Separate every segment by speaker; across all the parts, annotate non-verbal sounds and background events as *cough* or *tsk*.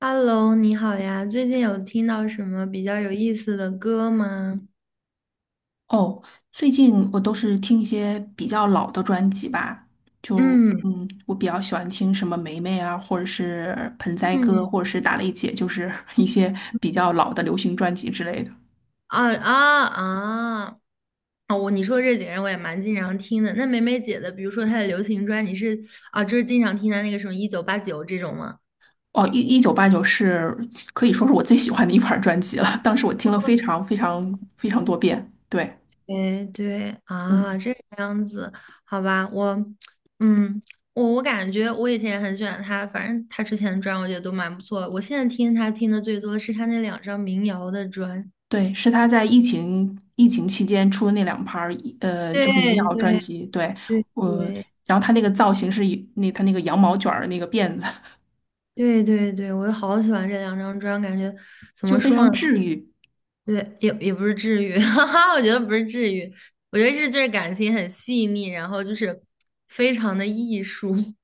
Speaker 1: Hello，你好呀，最近有听到什么比较有意思的歌吗？
Speaker 2: 哦，最近我都是听一些比较老的专辑吧，
Speaker 1: 嗯
Speaker 2: 我比较喜欢听什么梅梅啊，或者是盆栽哥，
Speaker 1: 嗯。
Speaker 2: 或者是打雷姐，就是 *laughs* 一些比较老的流行专辑之类的。
Speaker 1: 啊啊啊！啊，你说这几个人我也蛮经常听的。那梅梅姐的，比如说她的流行专，啊，就是经常听她那个什么1989这种吗？
Speaker 2: 哦，一九八九可以说是我最喜欢的一盘儿专辑了，当时我听了非常非常非常多遍。对，
Speaker 1: 对对
Speaker 2: 嗯，
Speaker 1: 啊，这个样子，好吧，嗯，我感觉我以前也很喜欢她，反正她之前的专我觉得都蛮不错的。我现在听她听的最多的是她那两张民谣的专。
Speaker 2: 对，是他在疫情期间出的那两盘儿，就是民
Speaker 1: 对
Speaker 2: 谣专
Speaker 1: 对
Speaker 2: 辑。对，
Speaker 1: 对
Speaker 2: 我、
Speaker 1: 对
Speaker 2: 然后他那个造型是以那他那个羊毛卷儿的那个辫子，
Speaker 1: 对对对，我好喜欢这两张专，感觉怎
Speaker 2: 就
Speaker 1: 么
Speaker 2: 非
Speaker 1: 说
Speaker 2: 常
Speaker 1: 呢？
Speaker 2: 治愈，
Speaker 1: 对，也不是治愈，*laughs* 哈哈，我觉得不是治愈，我觉得是就是感情很细腻，然后就是非常的艺术。*laughs*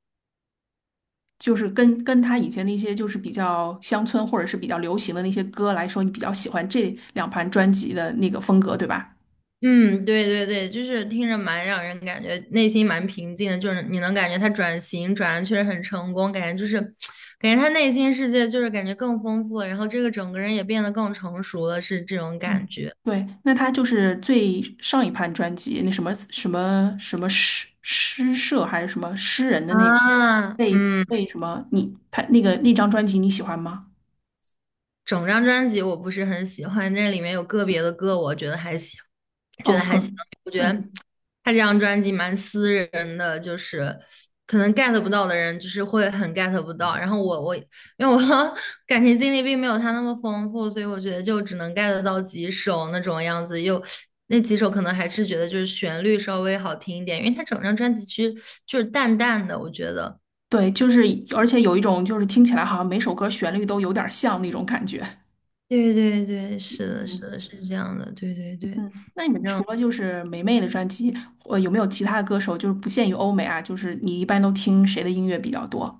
Speaker 2: 就是跟他以前那些就是比较乡村或者是比较流行的那些歌来说，你比较喜欢这两盘专辑的那个风格，对吧？
Speaker 1: 嗯，对对对，就是听着蛮让人感觉内心蛮平静的，就是你能感觉他转型转的确实很成功，感觉就是感觉他内心世界就是感觉更丰富了，然后这个整个人也变得更成熟了，是这种感
Speaker 2: 嗯，
Speaker 1: 觉
Speaker 2: 对，那他就是最上一盘专辑那什么什么什么社还是什么诗人的那个
Speaker 1: 啊，
Speaker 2: 被
Speaker 1: 嗯。
Speaker 2: 什么你他那个那张专辑你喜欢吗？
Speaker 1: 整张专辑我不是很喜欢，那里面有个别的歌我觉得还行，觉
Speaker 2: 哦，
Speaker 1: 得还行。
Speaker 2: 很。
Speaker 1: 我觉得
Speaker 2: 嗯，
Speaker 1: 他这张专辑蛮私人的，就是可能 get 不到的人，就是会很 get 不到。然后我因为我 *laughs* 感情经历并没有他那么丰富，所以我觉得就只能 get 到几首那种样子，又那几首可能还是觉得就是旋律稍微好听一点，因为他整张专辑其实就是淡淡的，我觉得。
Speaker 2: 对，就是，而且有一种就是听起来好像每首歌旋律都有点像那种感觉。
Speaker 1: 对对对，是的，是
Speaker 2: 嗯。
Speaker 1: 的，是这样的，对对对，
Speaker 2: 嗯，那
Speaker 1: 反
Speaker 2: 你除
Speaker 1: 正
Speaker 2: 了就是霉妹的专辑，呃，有没有其他的歌手，就是不限于欧美啊，就是你一般都听谁的音乐比较多？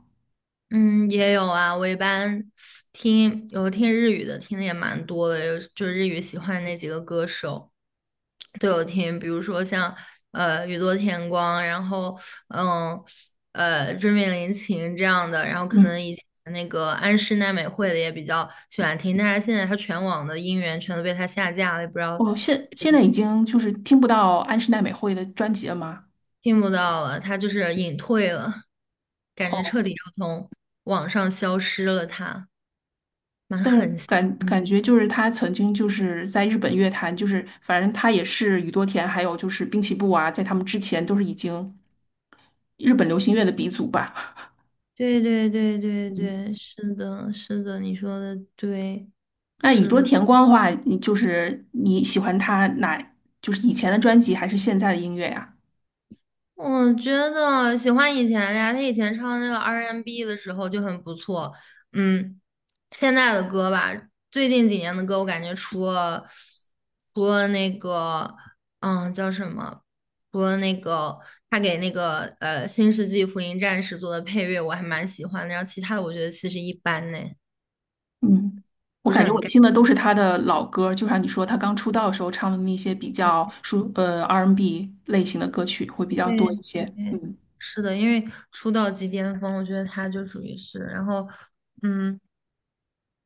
Speaker 1: 嗯，也有啊。我一般有听日语的，听的也蛮多的，有就是日语喜欢那几个歌手都有听，比如说像宇多田光，然后嗯椎名林檎这样的，然后可能
Speaker 2: 嗯，
Speaker 1: 以前那个安室奈美惠的也比较喜欢听，但是现在她全网的音源全都被她下架了，也不知道
Speaker 2: 哦，现在已经就是听不到安室奈美惠的专辑了吗？
Speaker 1: 听不到了，她就是隐退了，感觉
Speaker 2: 哦，
Speaker 1: 彻底要从网上消失了她。
Speaker 2: 但是感觉就是她曾经就是在日本乐坛，就是反正她也是宇多田，还有就是滨崎步啊，在他们之前都是已经日本流行乐的鼻祖吧。
Speaker 1: 对对对对
Speaker 2: 嗯，
Speaker 1: 对，是的，是的，你说的对，
Speaker 2: 那宇
Speaker 1: 是
Speaker 2: 多
Speaker 1: 的。
Speaker 2: 田光的话，你就是你喜欢他哪，就是以前的专辑还是现在的音乐呀？
Speaker 1: 我觉得喜欢以前的呀，他以前唱那个 R&B n 的时候就很不错。嗯，现在的歌吧，最近几年的歌，我感觉除了那个，嗯，叫什么？除了那个他给那个《新世纪福音战士》做的配乐，我还蛮喜欢的。然后其他的，我觉得其实一般呢，
Speaker 2: 嗯，我
Speaker 1: 不
Speaker 2: 感
Speaker 1: 是
Speaker 2: 觉
Speaker 1: 很
Speaker 2: 我
Speaker 1: get。
Speaker 2: 听的都是他的老歌，就像你说他刚出道的时候唱的那些比较R&B 类型的歌曲会比较
Speaker 1: 对
Speaker 2: 多一些。
Speaker 1: 对，
Speaker 2: 嗯
Speaker 1: 是的，因为出道即巅峰，我觉得他就属于是，然后，嗯，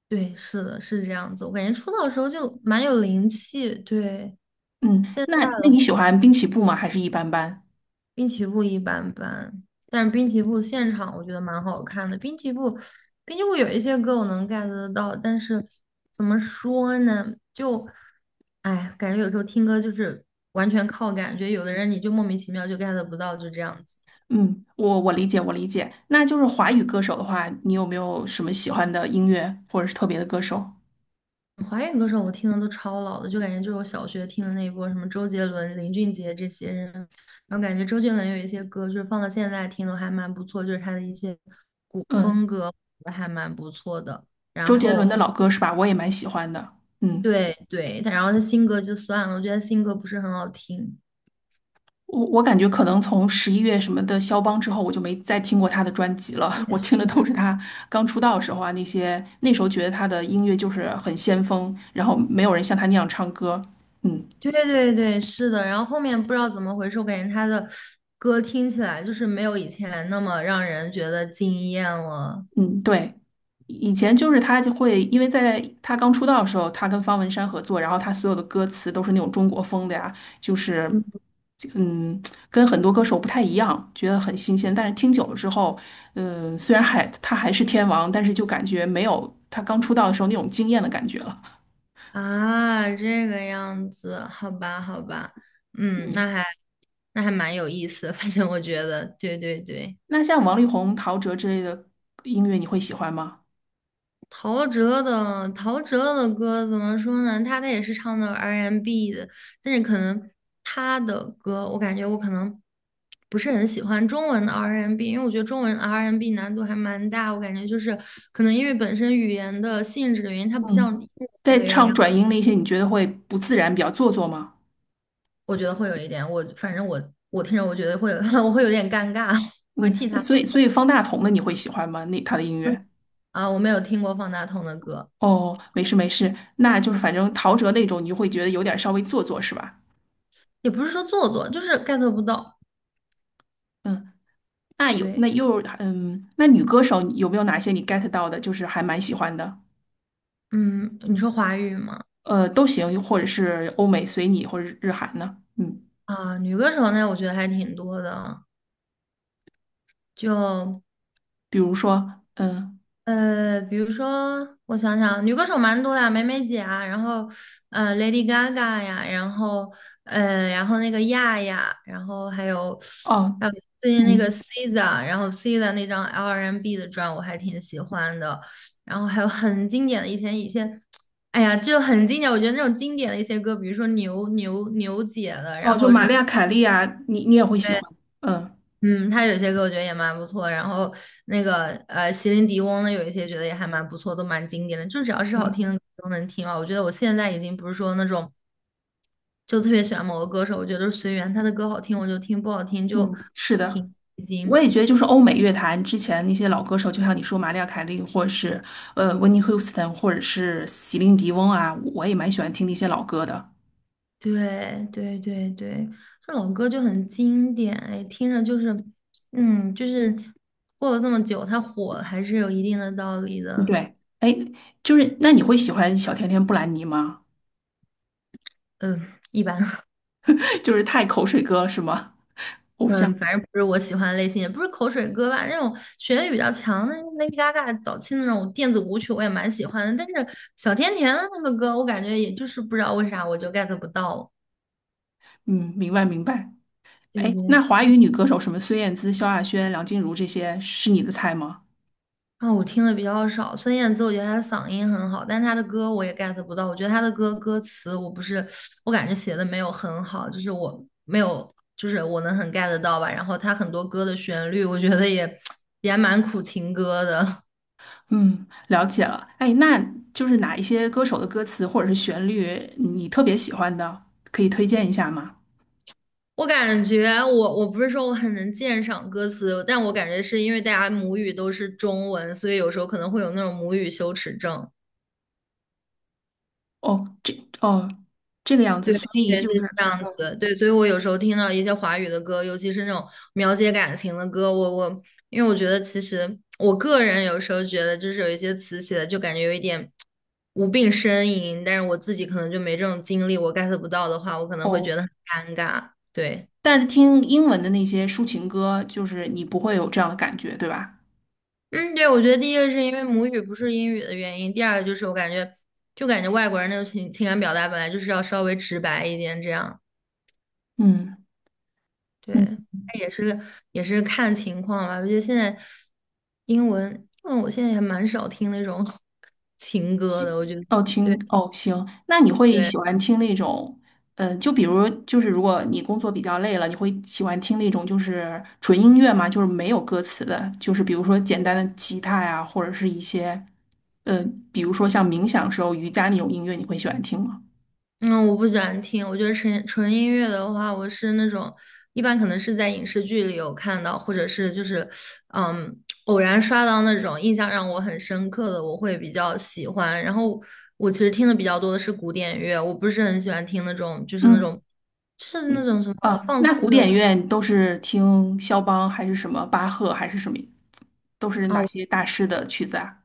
Speaker 1: 对，是的，是这样子。我感觉出道的时候就蛮有灵气，对。
Speaker 2: 嗯，
Speaker 1: 现在
Speaker 2: 那
Speaker 1: 的话
Speaker 2: 你喜欢滨崎步吗？还是一般般？
Speaker 1: 滨崎步一般般，但是滨崎步现场我觉得蛮好看的。滨崎步有一些歌我能 get 得到，但是怎么说呢？就，哎，感觉有时候听歌就是完全靠感觉，有的人你就莫名其妙就 get 不到，就这样子。
Speaker 2: 嗯，我理解我理解。那就是华语歌手的话，你有没有什么喜欢的音乐或者是特别的歌手？
Speaker 1: 华语歌手我听的都超老的，就感觉就是我小学听的那一波，什么周杰伦、林俊杰这些人，然后感觉周杰伦有一些歌就是放到现在听都还蛮不错，就是他的一些古风
Speaker 2: 嗯，
Speaker 1: 歌还蛮不错的。然
Speaker 2: 周杰伦的
Speaker 1: 后
Speaker 2: 老歌是吧？我也蛮喜欢的。嗯。
Speaker 1: 对对，他然后他新歌就算了，我觉得新歌不是很好听。
Speaker 2: 我我感觉可能从十一月什么的肖邦之后，我就没再听过他的专辑了。*laughs* 我听的都是他刚出道的时候啊，那些那时候觉得他的音乐就是很先锋，然后没有人像他那样唱歌。嗯
Speaker 1: 对对对，是的。然后后面不知道怎么回事，我感觉他的歌听起来就是没有以前那么让人觉得惊艳了。
Speaker 2: 嗯，对。以前就是他就会，因为在他刚出道的时候，他跟方文山合作，然后他所有的歌词都是那种中国风的呀，就是嗯，跟很多歌手不太一样，觉得很新鲜。但是听久了之后，嗯，虽然还他还是天王，但是就感觉没有他刚出道的时候那种惊艳的感觉了。
Speaker 1: 啊，这个样子，好吧，好吧，嗯，那
Speaker 2: 嗯，
Speaker 1: 还那还蛮有意思 *laughs* 反正我觉得，对对对，
Speaker 2: 那像王力宏、陶喆之类的音乐，你会喜欢吗？
Speaker 1: 陶喆的歌怎么说呢？他也是唱的 R&B n 的，但是可能他的歌，我感觉我可能不是很喜欢中文的 R&B，n 因为我觉得中文 R&B n 难度还蛮大，我感觉就是可能因为本身语言的性质的原因，它不像英
Speaker 2: 嗯，
Speaker 1: 文那
Speaker 2: 在
Speaker 1: 个
Speaker 2: 唱
Speaker 1: 样。
Speaker 2: 转音那些，你觉得会不自然，比较做作吗？
Speaker 1: 我觉得会有一点，我反正我听着，我觉得会有，*laughs* 我会有点尴尬，*laughs* 我会替
Speaker 2: 嗯，
Speaker 1: 他
Speaker 2: 所以方大同的你会喜欢吗？那他的音乐？
Speaker 1: 啊，我没有听过方大同的歌，
Speaker 2: 哦，没事没事，那就是反正陶喆那种，你就会觉得有点稍微做作是吧？
Speaker 1: 也不是说做作，就是 get 不到。
Speaker 2: 嗯，那有
Speaker 1: 对，
Speaker 2: 那又嗯，那女歌手有没有哪些你 get 到的，就是还蛮喜欢的？
Speaker 1: 嗯，你说华语吗？
Speaker 2: 呃，都行，或者是欧美随你，或者日韩呢？嗯，
Speaker 1: 啊，女歌手呢，我觉得还挺多的，就
Speaker 2: 比如说嗯
Speaker 1: 比如说，我想想，女歌手蛮多的，梅梅姐啊，然后Lady Gaga 呀，然后那个亚亚，然后还有
Speaker 2: 哦
Speaker 1: 还有最近那个
Speaker 2: 嗯
Speaker 1: SZA，然后 SZA 那张 R&B 的专我还挺喜欢的，然后还有很经典的以前一些，哎呀，就很经典，我觉得那种经典的一些歌，比如说牛姐的，
Speaker 2: 哦，
Speaker 1: 然
Speaker 2: 就
Speaker 1: 后什
Speaker 2: 玛
Speaker 1: 么。
Speaker 2: 丽亚凯莉啊，你你也会喜欢？嗯
Speaker 1: 嗯，他有些歌我觉得也蛮不错，然后那个席琳迪翁的有一些觉得也还蛮不错，都蛮经典的，就只要是好
Speaker 2: 嗯
Speaker 1: 听的歌都能听嘛。我觉得我现在已经不是说那种就特别喜欢某个歌手，我觉得随缘，他的歌好听我就听，不好听就
Speaker 2: 嗯，是的。
Speaker 1: 听，已
Speaker 2: 我
Speaker 1: 经。
Speaker 2: 也觉得，就是欧美乐坛之前那些老歌手，就像你说玛丽亚·凯莉，或者是呃温尼·休斯顿，或者是席琳迪翁啊，我也蛮喜欢听那些老歌的。
Speaker 1: 对对对对，这老歌就很经典，哎，听着就是就是过了这么久，它火还是有一定的道理
Speaker 2: 嗯
Speaker 1: 的。
Speaker 2: 对，哎，就是那你会喜欢小甜甜布兰妮吗？
Speaker 1: 嗯，一般。*laughs*
Speaker 2: *laughs* 就是太口水歌是吗？
Speaker 1: 嗯，反正不是我喜欢的类型，也不是口水歌吧。那种旋律比较强的 Lady Gaga 早期的那种电子舞曲，我也蛮喜欢的。但是小甜甜的那个歌，我感觉也就是不知道为啥我就 get 不到。
Speaker 2: 嗯，明白明白。
Speaker 1: 对
Speaker 2: 哎，
Speaker 1: 对，
Speaker 2: 那华
Speaker 1: 对，
Speaker 2: 语女歌手什么孙燕姿、萧亚轩、梁静茹这些是你的菜吗？
Speaker 1: 啊，我听的比较少。孙燕姿，我觉得她的嗓音很好，但是她的歌我也 get 不到。我觉得她的歌词，我不是，我感觉写的没有很好，就是我没有，就是我能很 get 到吧。然后她很多歌的旋律，我觉得也 *tsk* 也还蛮苦情歌的。
Speaker 2: 嗯，了解了。哎，那就是哪一些歌手的歌词或者是旋律你特别喜欢的，可以推荐一下吗？
Speaker 1: 我感觉我不是说我很能鉴赏歌词，但我感觉是因为大家母语都是中文，所以有时候可能会有那种母语羞耻症。
Speaker 2: 哦，这哦，这个样子，
Speaker 1: 对，
Speaker 2: 所以
Speaker 1: 也是
Speaker 2: 就是
Speaker 1: 这样子。对，所以我有时候听到一些华语的歌，尤其是那种描写感情的歌，我因为我觉得其实我个人有时候觉得就是有一些词写的就感觉有一点无病呻吟，但是我自己可能就没这种经历，我 get 不到的话，我可能会
Speaker 2: 哦，
Speaker 1: 觉得很尴尬。对。
Speaker 2: 但是听英文的那些抒情歌，就是你不会有这样的感觉，对吧？
Speaker 1: 嗯，对，我觉得第一个是因为母语不是英语的原因，第二个就是我感觉，就感觉外国人那种情感表达本来就是要稍微直白一点，这样，
Speaker 2: 嗯
Speaker 1: 对，
Speaker 2: 嗯，
Speaker 1: 但也是看情况吧。我觉得现在英文，我现在也蛮少听那种 *laughs* 情歌的，我觉得，
Speaker 2: 哦，听
Speaker 1: 对
Speaker 2: 哦，行，那你会
Speaker 1: 对
Speaker 2: 喜欢听那种，呃，就比如就是如果你工作比较累了，你会喜欢听那种就是纯音乐吗？就是没有歌词的，就是比如说简单的吉他呀，或者是一些，呃，比如说像冥想时候瑜伽那种音乐，你会喜欢听吗？
Speaker 1: 嗯，我不喜欢听，我觉得纯音乐的话，我是那种一般可能是在影视剧里有看到，或者是就是嗯偶然刷到那种印象让我很深刻的，我会比较喜欢。然后我其实听的比较多的是古典乐，我不是很喜欢听那种就是那
Speaker 2: 嗯。
Speaker 1: 种就是那种什么
Speaker 2: 啊，
Speaker 1: 放松
Speaker 2: 那
Speaker 1: 的
Speaker 2: 古
Speaker 1: 时候
Speaker 2: 典乐都是听肖邦还是什么巴赫还是什么，都是哪
Speaker 1: 啊，
Speaker 2: 些大师的曲子啊？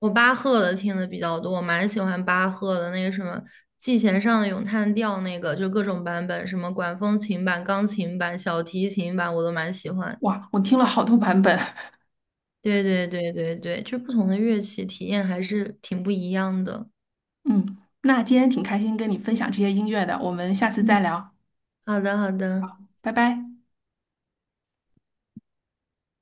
Speaker 1: 我巴赫的听的比较多，我蛮喜欢巴赫的那个什么《季弦上的咏叹调》那个，就各种版本，什么管风琴版、钢琴版、小提琴版，我都蛮喜欢。
Speaker 2: 哇，我听了好多版本。
Speaker 1: 对对对对对，就不同的乐器体验还是挺不一样的。
Speaker 2: *laughs* 嗯，那今天挺开心跟你分享这些音乐的，我们下次
Speaker 1: 嗯，
Speaker 2: 再聊，
Speaker 1: 好的，好的。
Speaker 2: 拜拜。